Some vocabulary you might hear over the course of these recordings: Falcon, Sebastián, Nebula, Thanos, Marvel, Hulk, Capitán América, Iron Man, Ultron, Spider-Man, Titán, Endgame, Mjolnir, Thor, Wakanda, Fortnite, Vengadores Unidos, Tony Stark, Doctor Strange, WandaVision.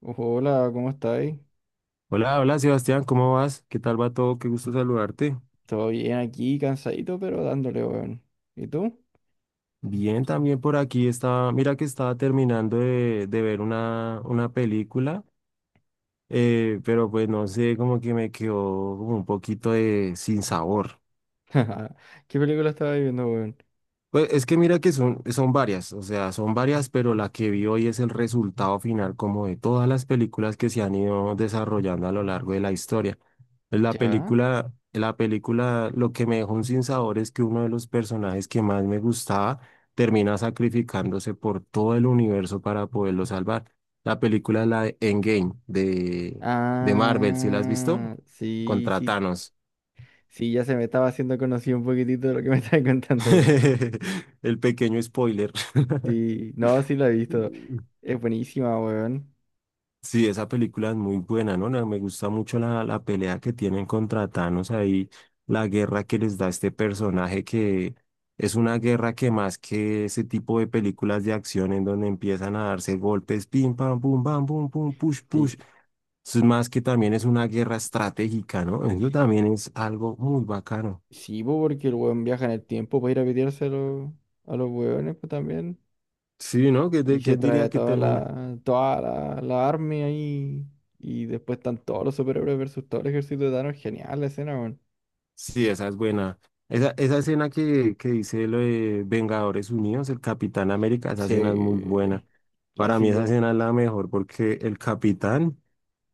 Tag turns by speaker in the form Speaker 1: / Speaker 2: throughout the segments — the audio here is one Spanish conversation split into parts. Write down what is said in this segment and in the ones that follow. Speaker 1: Hola, ¿cómo estáis?
Speaker 2: Hola, hola Sebastián, ¿cómo vas? ¿Qué tal va todo? Qué gusto saludarte.
Speaker 1: Todo bien aquí, cansadito, pero dándole, weón. ¿Y tú?
Speaker 2: Bien, también por aquí estaba, mira que estaba terminando de ver una película, pero pues no sé, como que me quedó como un poquito de sin sabor.
Speaker 1: ¿Qué película estabas viendo, weón?
Speaker 2: Pues es que mira que son varias, o sea, son varias, pero la que vi hoy es el resultado final como de todas las películas que se han ido desarrollando a lo largo de la historia. Pues La
Speaker 1: ¿Ya?
Speaker 2: película, la película, lo que me dejó un sinsabor es que uno de los personajes que más me gustaba termina sacrificándose por todo el universo para poderlo salvar. La película es la de Endgame de Marvel, ¿sí la has
Speaker 1: Ah,
Speaker 2: visto?
Speaker 1: sí,
Speaker 2: Contra
Speaker 1: sí.
Speaker 2: Thanos.
Speaker 1: Sí, ya se me estaba haciendo conocido un poquitito de lo que me estabas contando, weón.
Speaker 2: El pequeño spoiler.
Speaker 1: Sí, no, sí la he visto. Es buenísima, weón.
Speaker 2: Sí, esa película es muy buena, ¿no? Me gusta mucho la pelea que tienen contra Thanos ahí, la guerra que les da este personaje que es una guerra que más que ese tipo de películas de acción en donde empiezan a darse golpes, pim, pam, pum, pum, push, push.
Speaker 1: Sí,
Speaker 2: Eso es más que también es una guerra estratégica, ¿no? Eso también es algo muy bacano.
Speaker 1: sí, po, porque el weón viaja en el tiempo para ir a pitearse a los, weones, pues también.
Speaker 2: Sí, ¿no?
Speaker 1: Y se
Speaker 2: ¿Quién
Speaker 1: trae
Speaker 2: diría
Speaker 1: a
Speaker 2: que
Speaker 1: toda
Speaker 2: termina?
Speaker 1: la, toda la, la army ahí. Y después están todos los superhéroes versus todo el ejército de Thanos. Genial la escena, weón.
Speaker 2: Sí, esa es buena. Esa escena que dice lo de Vengadores Unidos, el Capitán América, esa escena es muy buena.
Speaker 1: Sí.
Speaker 2: Para mí esa
Speaker 1: Clásico.
Speaker 2: escena es la mejor porque el Capitán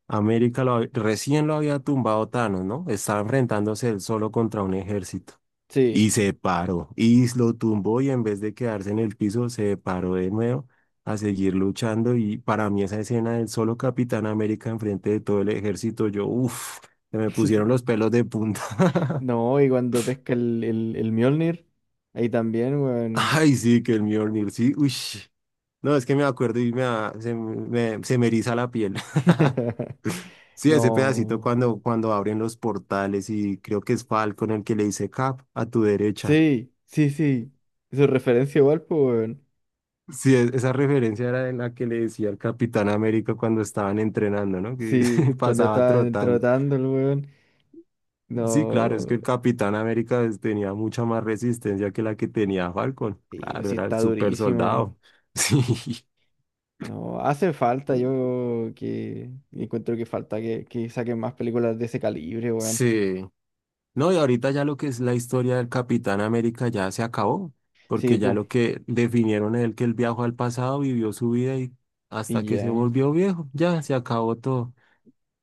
Speaker 2: América recién lo había tumbado Thanos, ¿no? Estaba enfrentándose él solo contra un ejército.
Speaker 1: Sí.
Speaker 2: Y se paró, y lo tumbó y en vez de quedarse en el piso, se paró de nuevo a seguir luchando. Y para mí esa escena del solo Capitán América enfrente de todo el ejército, yo, uff, se me pusieron los pelos de punta.
Speaker 1: No, y cuando pesca el Mjolnir, ahí también, weón.
Speaker 2: Ay, sí, que el Mjolnir, sí, uy. No, es que me acuerdo y me, da- se me eriza la piel. Sí, ese pedacito
Speaker 1: No.
Speaker 2: cuando, cuando abren los portales y creo que es Falcon el que le dice Cap a tu derecha.
Speaker 1: Sí, sí, sí. Su referencia igual, pues, weón.
Speaker 2: Sí, esa referencia era en la que le decía al Capitán América cuando estaban entrenando, ¿no? Que
Speaker 1: Sí, cuando
Speaker 2: pasaba
Speaker 1: estaban
Speaker 2: trotando.
Speaker 1: trotando el weón.
Speaker 2: Sí, claro, es que
Speaker 1: No.
Speaker 2: el Capitán América pues, tenía mucha más resistencia que la que tenía Falcon.
Speaker 1: Y pues
Speaker 2: Claro,
Speaker 1: sí
Speaker 2: era el
Speaker 1: está
Speaker 2: super
Speaker 1: durísimo.
Speaker 2: soldado. Sí.
Speaker 1: No, hacen falta, yo que encuentro que falta que saquen más películas de ese calibre, weón.
Speaker 2: Sí. No, y ahorita ya lo que es la historia del Capitán América ya se acabó,
Speaker 1: Sí,
Speaker 2: porque ya
Speaker 1: pues,
Speaker 2: lo que definieron es el que él viajó al pasado, vivió su vida y hasta
Speaker 1: y
Speaker 2: que se
Speaker 1: ya.
Speaker 2: volvió viejo, ya se acabó todo.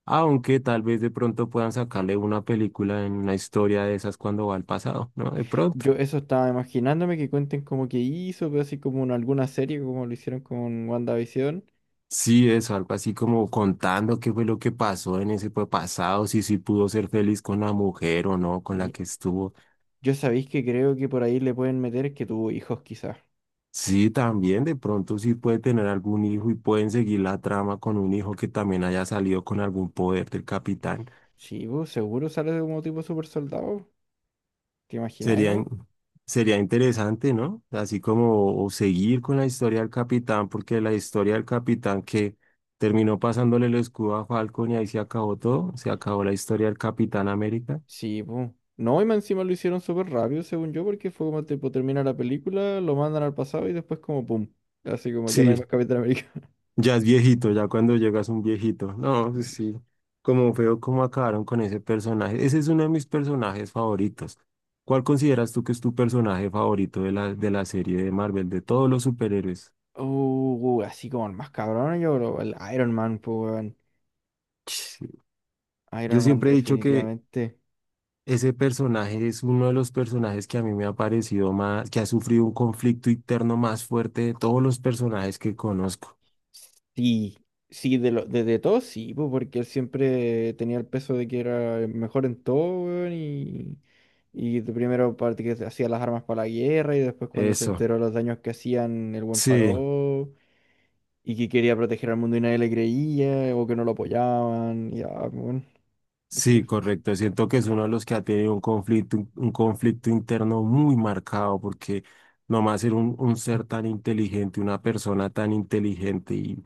Speaker 2: Aunque tal vez de pronto puedan sacarle una película en una historia de esas cuando va al pasado, ¿no? De
Speaker 1: Yo
Speaker 2: pronto.
Speaker 1: eso estaba imaginándome que cuenten como que hizo, pero así como en alguna serie, como lo hicieron con WandaVision.
Speaker 2: Sí, eso, algo así como contando qué fue lo que pasó en ese pues, pasado, si sí pudo ser feliz con la mujer o no, con la
Speaker 1: Y
Speaker 2: que estuvo.
Speaker 1: yo sabéis que creo que por ahí le pueden meter que tuvo hijos quizás.
Speaker 2: Sí, también de pronto sí puede tener algún hijo y pueden seguir la trama con un hijo que también haya salido con algún poder del capitán.
Speaker 1: Sí, pues, seguro sale de como tipo super soldado. ¿Te imagináis,
Speaker 2: Sería, in-
Speaker 1: weón?
Speaker 2: sería interesante, ¿no? Así como o seguir con la historia del capitán, porque la historia del capitán que terminó pasándole el escudo a Falcon y ahí se acabó todo, se acabó la historia del Capitán América.
Speaker 1: Sí, po. No, y más encima lo hicieron súper rápido, según yo, porque fue como tipo termina la película, lo mandan al pasado y después como pum. Así como ya no
Speaker 2: Sí,
Speaker 1: hay más Capitán América.
Speaker 2: ya es viejito, ya cuando llegas un viejito. No, pues sí. Como feo cómo acabaron con ese personaje. Ese es uno de mis personajes favoritos. ¿Cuál consideras tú que es tu personaje favorito de la serie de Marvel, de todos los superhéroes?
Speaker 1: Así como el más cabrón, yo creo, el Iron Man, pues, weón.
Speaker 2: Sí. Yo
Speaker 1: Iron Man
Speaker 2: siempre he dicho que
Speaker 1: definitivamente.
Speaker 2: ese personaje es uno de los personajes que a mí me ha parecido más, que ha sufrido un conflicto interno más fuerte de todos los personajes que conozco.
Speaker 1: Sí, sí, de lo, de todo sí, pues, porque él siempre tenía el peso de que era el mejor en todo, weón, y, de primero parte que hacía las armas para la guerra y después cuando se
Speaker 2: Eso.
Speaker 1: enteró los daños que hacían, el buen
Speaker 2: Sí.
Speaker 1: paró. Y que quería proteger al mundo y nadie le creía, o que no lo apoyaban, y ah, bueno,
Speaker 2: Sí,
Speaker 1: después,
Speaker 2: correcto. Siento que es uno de los que ha tenido un conflicto interno muy marcado, porque nomás ser un ser tan inteligente, una persona tan inteligente y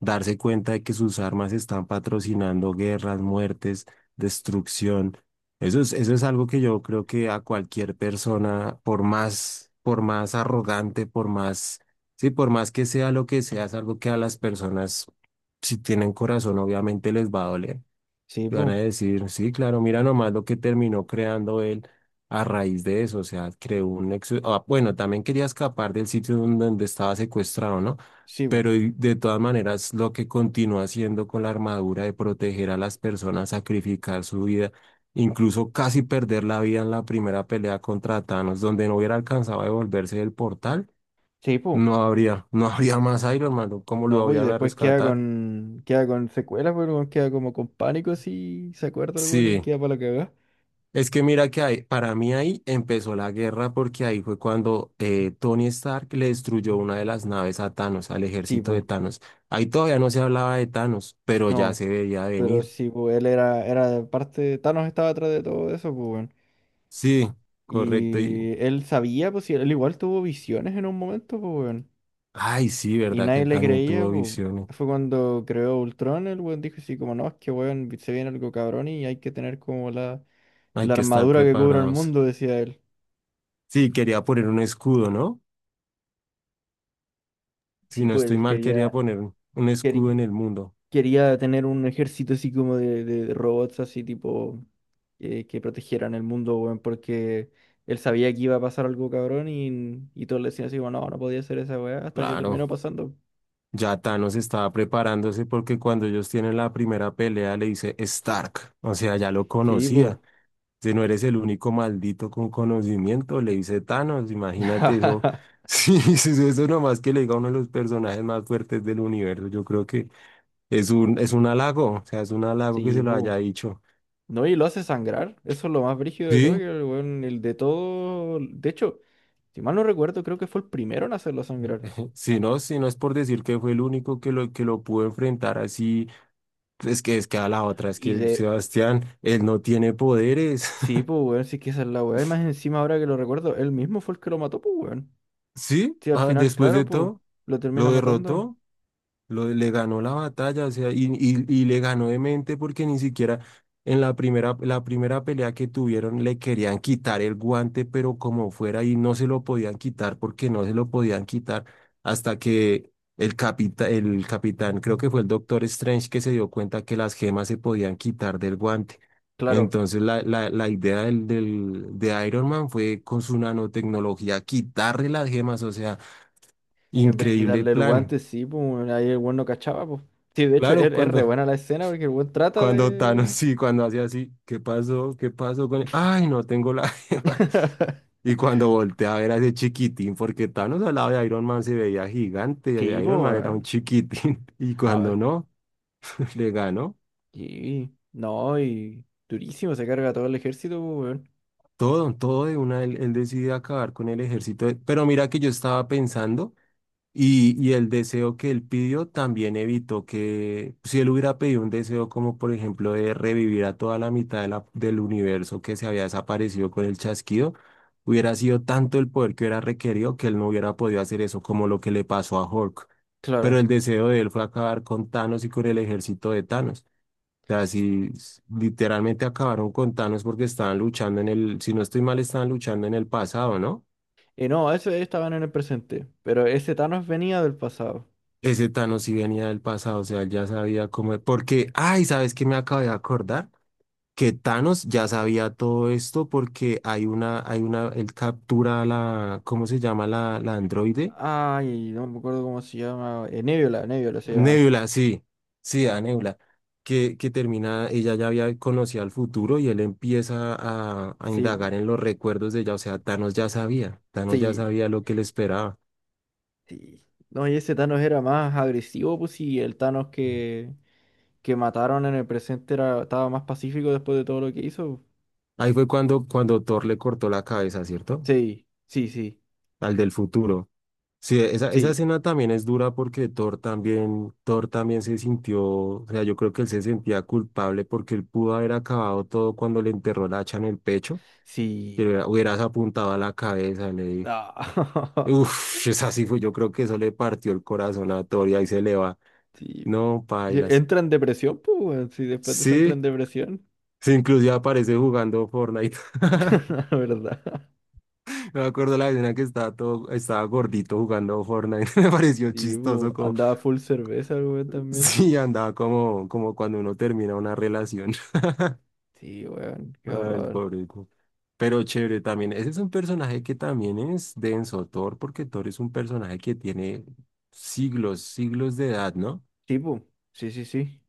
Speaker 2: darse cuenta de que sus armas están patrocinando guerras, muertes, destrucción. Eso es algo que yo creo que a cualquier persona, por más arrogante, por más, sí, por más que sea lo que sea, es algo que a las personas, si tienen corazón, obviamente les va a doler.
Speaker 1: sí,
Speaker 2: Y van
Speaker 1: pues,
Speaker 2: a decir, sí, claro, mira nomás lo que terminó creando él a raíz de eso, o sea, creó un nexo, ah, bueno, también quería escapar del sitio donde estaba secuestrado, ¿no?
Speaker 1: sí, pues,
Speaker 2: Pero de todas maneras, lo que continúa haciendo con la armadura de proteger a las personas, sacrificar su vida, incluso casi perder la vida en la primera pelea contra Thanos, donde no hubiera alcanzado a devolverse del portal,
Speaker 1: sí, pues,
Speaker 2: no habría más Iron Man, ¿no? ¿Cómo
Speaker 1: no,
Speaker 2: lo
Speaker 1: pues, y
Speaker 2: iban a
Speaker 1: después queda
Speaker 2: rescatar?
Speaker 1: con, queda con secuelas, pues, weón, queda como con pánico, si se acuerda el weón y
Speaker 2: Sí.
Speaker 1: queda para la cagada,
Speaker 2: Es que mira que para mí ahí empezó la guerra porque ahí fue cuando Tony Stark le destruyó una de las naves a Thanos, al
Speaker 1: sí,
Speaker 2: ejército de
Speaker 1: pues,
Speaker 2: Thanos. Ahí todavía no se hablaba de Thanos, pero ya
Speaker 1: no,
Speaker 2: se veía
Speaker 1: pero
Speaker 2: venir.
Speaker 1: sí, pues, él era parte, Thanos estaba atrás de todo eso, pues, weón,
Speaker 2: Sí, correcto. Y,
Speaker 1: y él sabía, pues, si él igual tuvo visiones en un momento, pues, weón.
Speaker 2: ay, sí,
Speaker 1: Y
Speaker 2: verdad que
Speaker 1: nadie
Speaker 2: él
Speaker 1: le
Speaker 2: también
Speaker 1: creía,
Speaker 2: tuvo
Speaker 1: po.
Speaker 2: visiones.
Speaker 1: Fue cuando creó Ultron, el weón dijo así como, no, es que weón, se viene algo cabrón y hay que tener como la,
Speaker 2: Hay
Speaker 1: la
Speaker 2: que estar
Speaker 1: armadura que cubra el
Speaker 2: preparados.
Speaker 1: mundo, decía él.
Speaker 2: Sí, quería poner un escudo, ¿no? Si
Speaker 1: Sí,
Speaker 2: no
Speaker 1: pues
Speaker 2: estoy
Speaker 1: él
Speaker 2: mal, quería
Speaker 1: quería,
Speaker 2: poner un escudo
Speaker 1: queri-
Speaker 2: en el mundo.
Speaker 1: quería tener un ejército así como de, robots así tipo que protegieran el mundo, weón, porque él sabía que iba a pasar algo cabrón y todos le decían así, bueno, no, no podía ser esa weá hasta que terminó
Speaker 2: Claro.
Speaker 1: pasando.
Speaker 2: Ya Thanos estaba preparándose porque cuando ellos tienen la primera pelea le dice Stark, o sea, ya lo
Speaker 1: Sí, pues.
Speaker 2: conocía. Si no eres el único maldito con conocimiento, le dice Thanos, imagínate eso. Sí, sí, sí, eso nomás que le diga uno de los personajes más fuertes del universo, yo creo que es un halago, o sea, es un halago que
Speaker 1: Sí,
Speaker 2: se lo
Speaker 1: pues.
Speaker 2: haya dicho.
Speaker 1: No, y lo hace sangrar. Eso es lo más brígido de todo, que
Speaker 2: Sí,
Speaker 1: el weón, el de todo. De hecho, si mal no recuerdo, creo que fue el primero en hacerlo sangrar.
Speaker 2: si no, si no es por decir que fue el único que lo pudo enfrentar así. Pues es que a la otra, es
Speaker 1: Y
Speaker 2: que
Speaker 1: de.
Speaker 2: Sebastián, él no tiene poderes.
Speaker 1: Sí, pues, weón, sí que esa es la weá. Y más encima, ahora que lo recuerdo, él mismo fue el que lo mató, pues, weón.
Speaker 2: Sí,
Speaker 1: Sí, al
Speaker 2: ah,
Speaker 1: final,
Speaker 2: después
Speaker 1: claro,
Speaker 2: de
Speaker 1: pues,
Speaker 2: todo,
Speaker 1: lo termina
Speaker 2: lo
Speaker 1: matando.
Speaker 2: derrotó. Lo, le ganó la batalla, o sea, y le ganó de mente porque ni siquiera en la primera pelea que tuvieron le querían quitar el guante, pero como fuera, y no se lo podían quitar porque no se lo podían quitar hasta que el capitán, creo que fue el Doctor Strange, que se dio cuenta que las gemas se podían quitar del guante.
Speaker 1: Claro,
Speaker 2: Entonces la idea de Iron Man fue con su nanotecnología quitarle las gemas, o sea,
Speaker 1: en vez de
Speaker 2: increíble
Speaker 1: quitarle el
Speaker 2: plan.
Speaker 1: guante, sí, pues, weón, ahí el weón no cachaba, pues. Sí, de hecho, es,
Speaker 2: Claro,
Speaker 1: es re
Speaker 2: cuando...
Speaker 1: buena la escena porque el weón trata
Speaker 2: Cuando Thanos,
Speaker 1: de.
Speaker 2: sí, cuando hacía así, ¿qué pasó? ¿Qué pasó con él? Ay, no tengo la gema. Y cuando volteé a ver a ese chiquitín, porque Thanos al lado de Iron Man se veía gigante,
Speaker 1: Sí,
Speaker 2: y
Speaker 1: pues,
Speaker 2: Iron Man era un
Speaker 1: weón.
Speaker 2: chiquitín. Y
Speaker 1: No,
Speaker 2: cuando no, le ganó
Speaker 1: sí. No, y. Durísimo, se carga todo el ejército, pues, weón.
Speaker 2: todo, todo de una, él decide acabar con el ejército. Pero mira que yo estaba pensando. Y el deseo que él pidió también evitó que, si él hubiera pedido un deseo como por ejemplo de revivir a toda la mitad de del universo que se había desaparecido con el chasquido, hubiera sido tanto el poder que hubiera requerido que él no hubiera podido hacer eso como lo que le pasó a Hulk. Pero
Speaker 1: Claro.
Speaker 2: el deseo de él fue acabar con Thanos y con el ejército de Thanos. O sea, si s- literalmente acabaron con Thanos porque estaban luchando en el, si no estoy mal, estaban luchando en el pasado, ¿no?
Speaker 1: Y no, ese estaban en el presente, pero ese Thanos venía del pasado.
Speaker 2: Ese Thanos sí venía del pasado, o sea, él ya sabía cómo. Porque, ay, ¿sabes qué me acabo de acordar? Que Thanos ya sabía todo esto porque hay una, él captura a la, ¿cómo se llama la androide?
Speaker 1: Ay, no me acuerdo cómo se llama. Nebula, Nebula se llama.
Speaker 2: Nebula, sí, sí, a Nebula, que termina, ella ya había conocido el futuro y él empieza a
Speaker 1: Sí,
Speaker 2: indagar en los recuerdos de ella, o sea, Thanos ya
Speaker 1: sí,
Speaker 2: sabía lo que le esperaba.
Speaker 1: sí. No, y ese Thanos era más agresivo, pues, y el Thanos
Speaker 2: Sí.
Speaker 1: que mataron en el presente estaba más pacífico después de todo lo que hizo.
Speaker 2: Ahí fue cuando, cuando Thor le cortó la cabeza, ¿cierto?
Speaker 1: Sí, sí, sí,
Speaker 2: Al del futuro. Sí, esa
Speaker 1: sí,
Speaker 2: escena también es dura porque Thor también se sintió, o sea, yo creo que él se sentía culpable porque él pudo haber acabado todo cuando le enterró la hacha en el pecho, que
Speaker 1: sí.
Speaker 2: hubieras apuntado a la cabeza, le dijo.
Speaker 1: Ah,
Speaker 2: Uf, es así fue, yo creo que eso le partió el corazón a Thor y ahí se le va.
Speaker 1: sí.
Speaker 2: No,
Speaker 1: Sí,
Speaker 2: pailas.
Speaker 1: entra en depresión, pues, weón, si después de eso entra en
Speaker 2: Sí,
Speaker 1: depresión.
Speaker 2: sí, inclusive aparece jugando Fortnite.
Speaker 1: La verdad.
Speaker 2: Me acuerdo la escena que estaba todo, estaba gordito jugando Fortnite, me pareció
Speaker 1: Sí,
Speaker 2: chistoso
Speaker 1: po,
Speaker 2: como
Speaker 1: andaba full cerveza el weón también.
Speaker 2: sí, andaba como, como cuando uno termina una relación.
Speaker 1: Sí, weón, qué
Speaker 2: Ay, el
Speaker 1: horror.
Speaker 2: pobre. Pero chévere también. Ese es un personaje que también es denso, Thor, porque Thor es un personaje que tiene siglos, siglos de edad, ¿no?
Speaker 1: Sí, po, sí, sí, sí.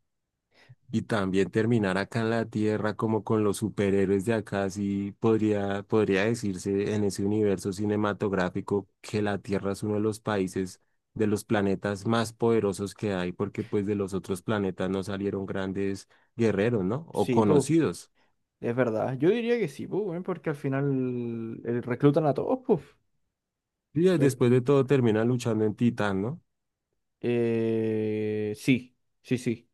Speaker 2: Y también terminar acá en la Tierra como con los superhéroes de acá, sí podría, podría decirse en ese universo cinematográfico que la Tierra es uno de los países, de los planetas más poderosos que hay, porque pues de los otros planetas no salieron grandes guerreros, ¿no? O
Speaker 1: Sí, po,
Speaker 2: conocidos.
Speaker 1: es verdad. Yo diría que sí, po, weón, porque al final reclutan a todos, po.
Speaker 2: Y
Speaker 1: Re-
Speaker 2: después de todo terminan luchando en Titán, ¿no?
Speaker 1: sí, sí, sí.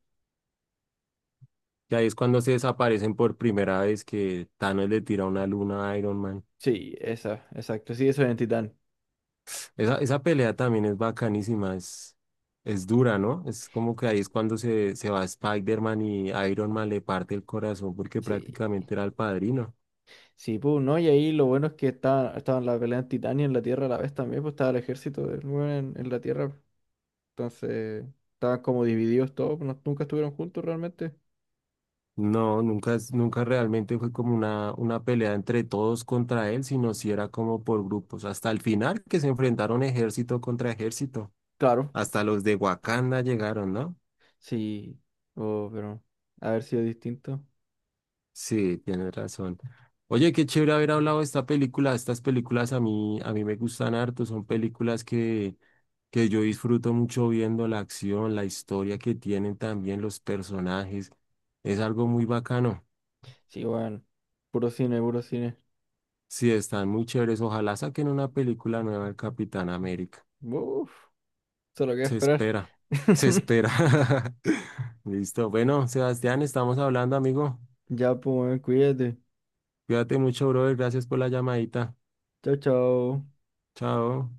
Speaker 2: Y ahí es cuando se desaparecen por primera vez que Thanos le tira una luna a Iron Man.
Speaker 1: Sí, esa, exacto. Sí, eso es en Titán.
Speaker 2: Esa pelea también es bacanísima, es dura, ¿no? Es como que ahí es cuando se va Spider-Man y Iron Man le parte el corazón porque
Speaker 1: Sí.
Speaker 2: prácticamente era el padrino.
Speaker 1: Sí, po, ¿no? Y ahí lo bueno es que estaban, la pelea en Titán y en la Tierra a la vez también, pues estaba el ejército del weón en la Tierra. Entonces, estaban como divididos todos, pues, nunca estuvieron juntos realmente.
Speaker 2: No, nunca, nunca realmente fue como una pelea entre todos contra él, sino si era como por grupos. Hasta el final que se enfrentaron ejército contra ejército.
Speaker 1: Claro.
Speaker 2: Hasta los de Wakanda llegaron, ¿no?
Speaker 1: Sí, oh, pero haber sido distinto.
Speaker 2: Sí, tienes razón. Oye, qué chévere haber hablado de esta película. Estas películas a mí me gustan harto. Son películas que yo disfruto mucho viendo la acción, la historia que tienen también los personajes. Es algo muy bacano.
Speaker 1: Sí, bueno, puro cine, puro cine.
Speaker 2: Sí, están muy chéveres. Ojalá saquen una película nueva del Capitán América.
Speaker 1: Uf, solo queda
Speaker 2: Se
Speaker 1: esperar.
Speaker 2: espera, se espera. Listo. Bueno, Sebastián, estamos hablando, amigo.
Speaker 1: Ya, pues, weón, cuídate.
Speaker 2: Cuídate mucho, brother. Gracias por la llamadita.
Speaker 1: Chao, chao.
Speaker 2: Chao.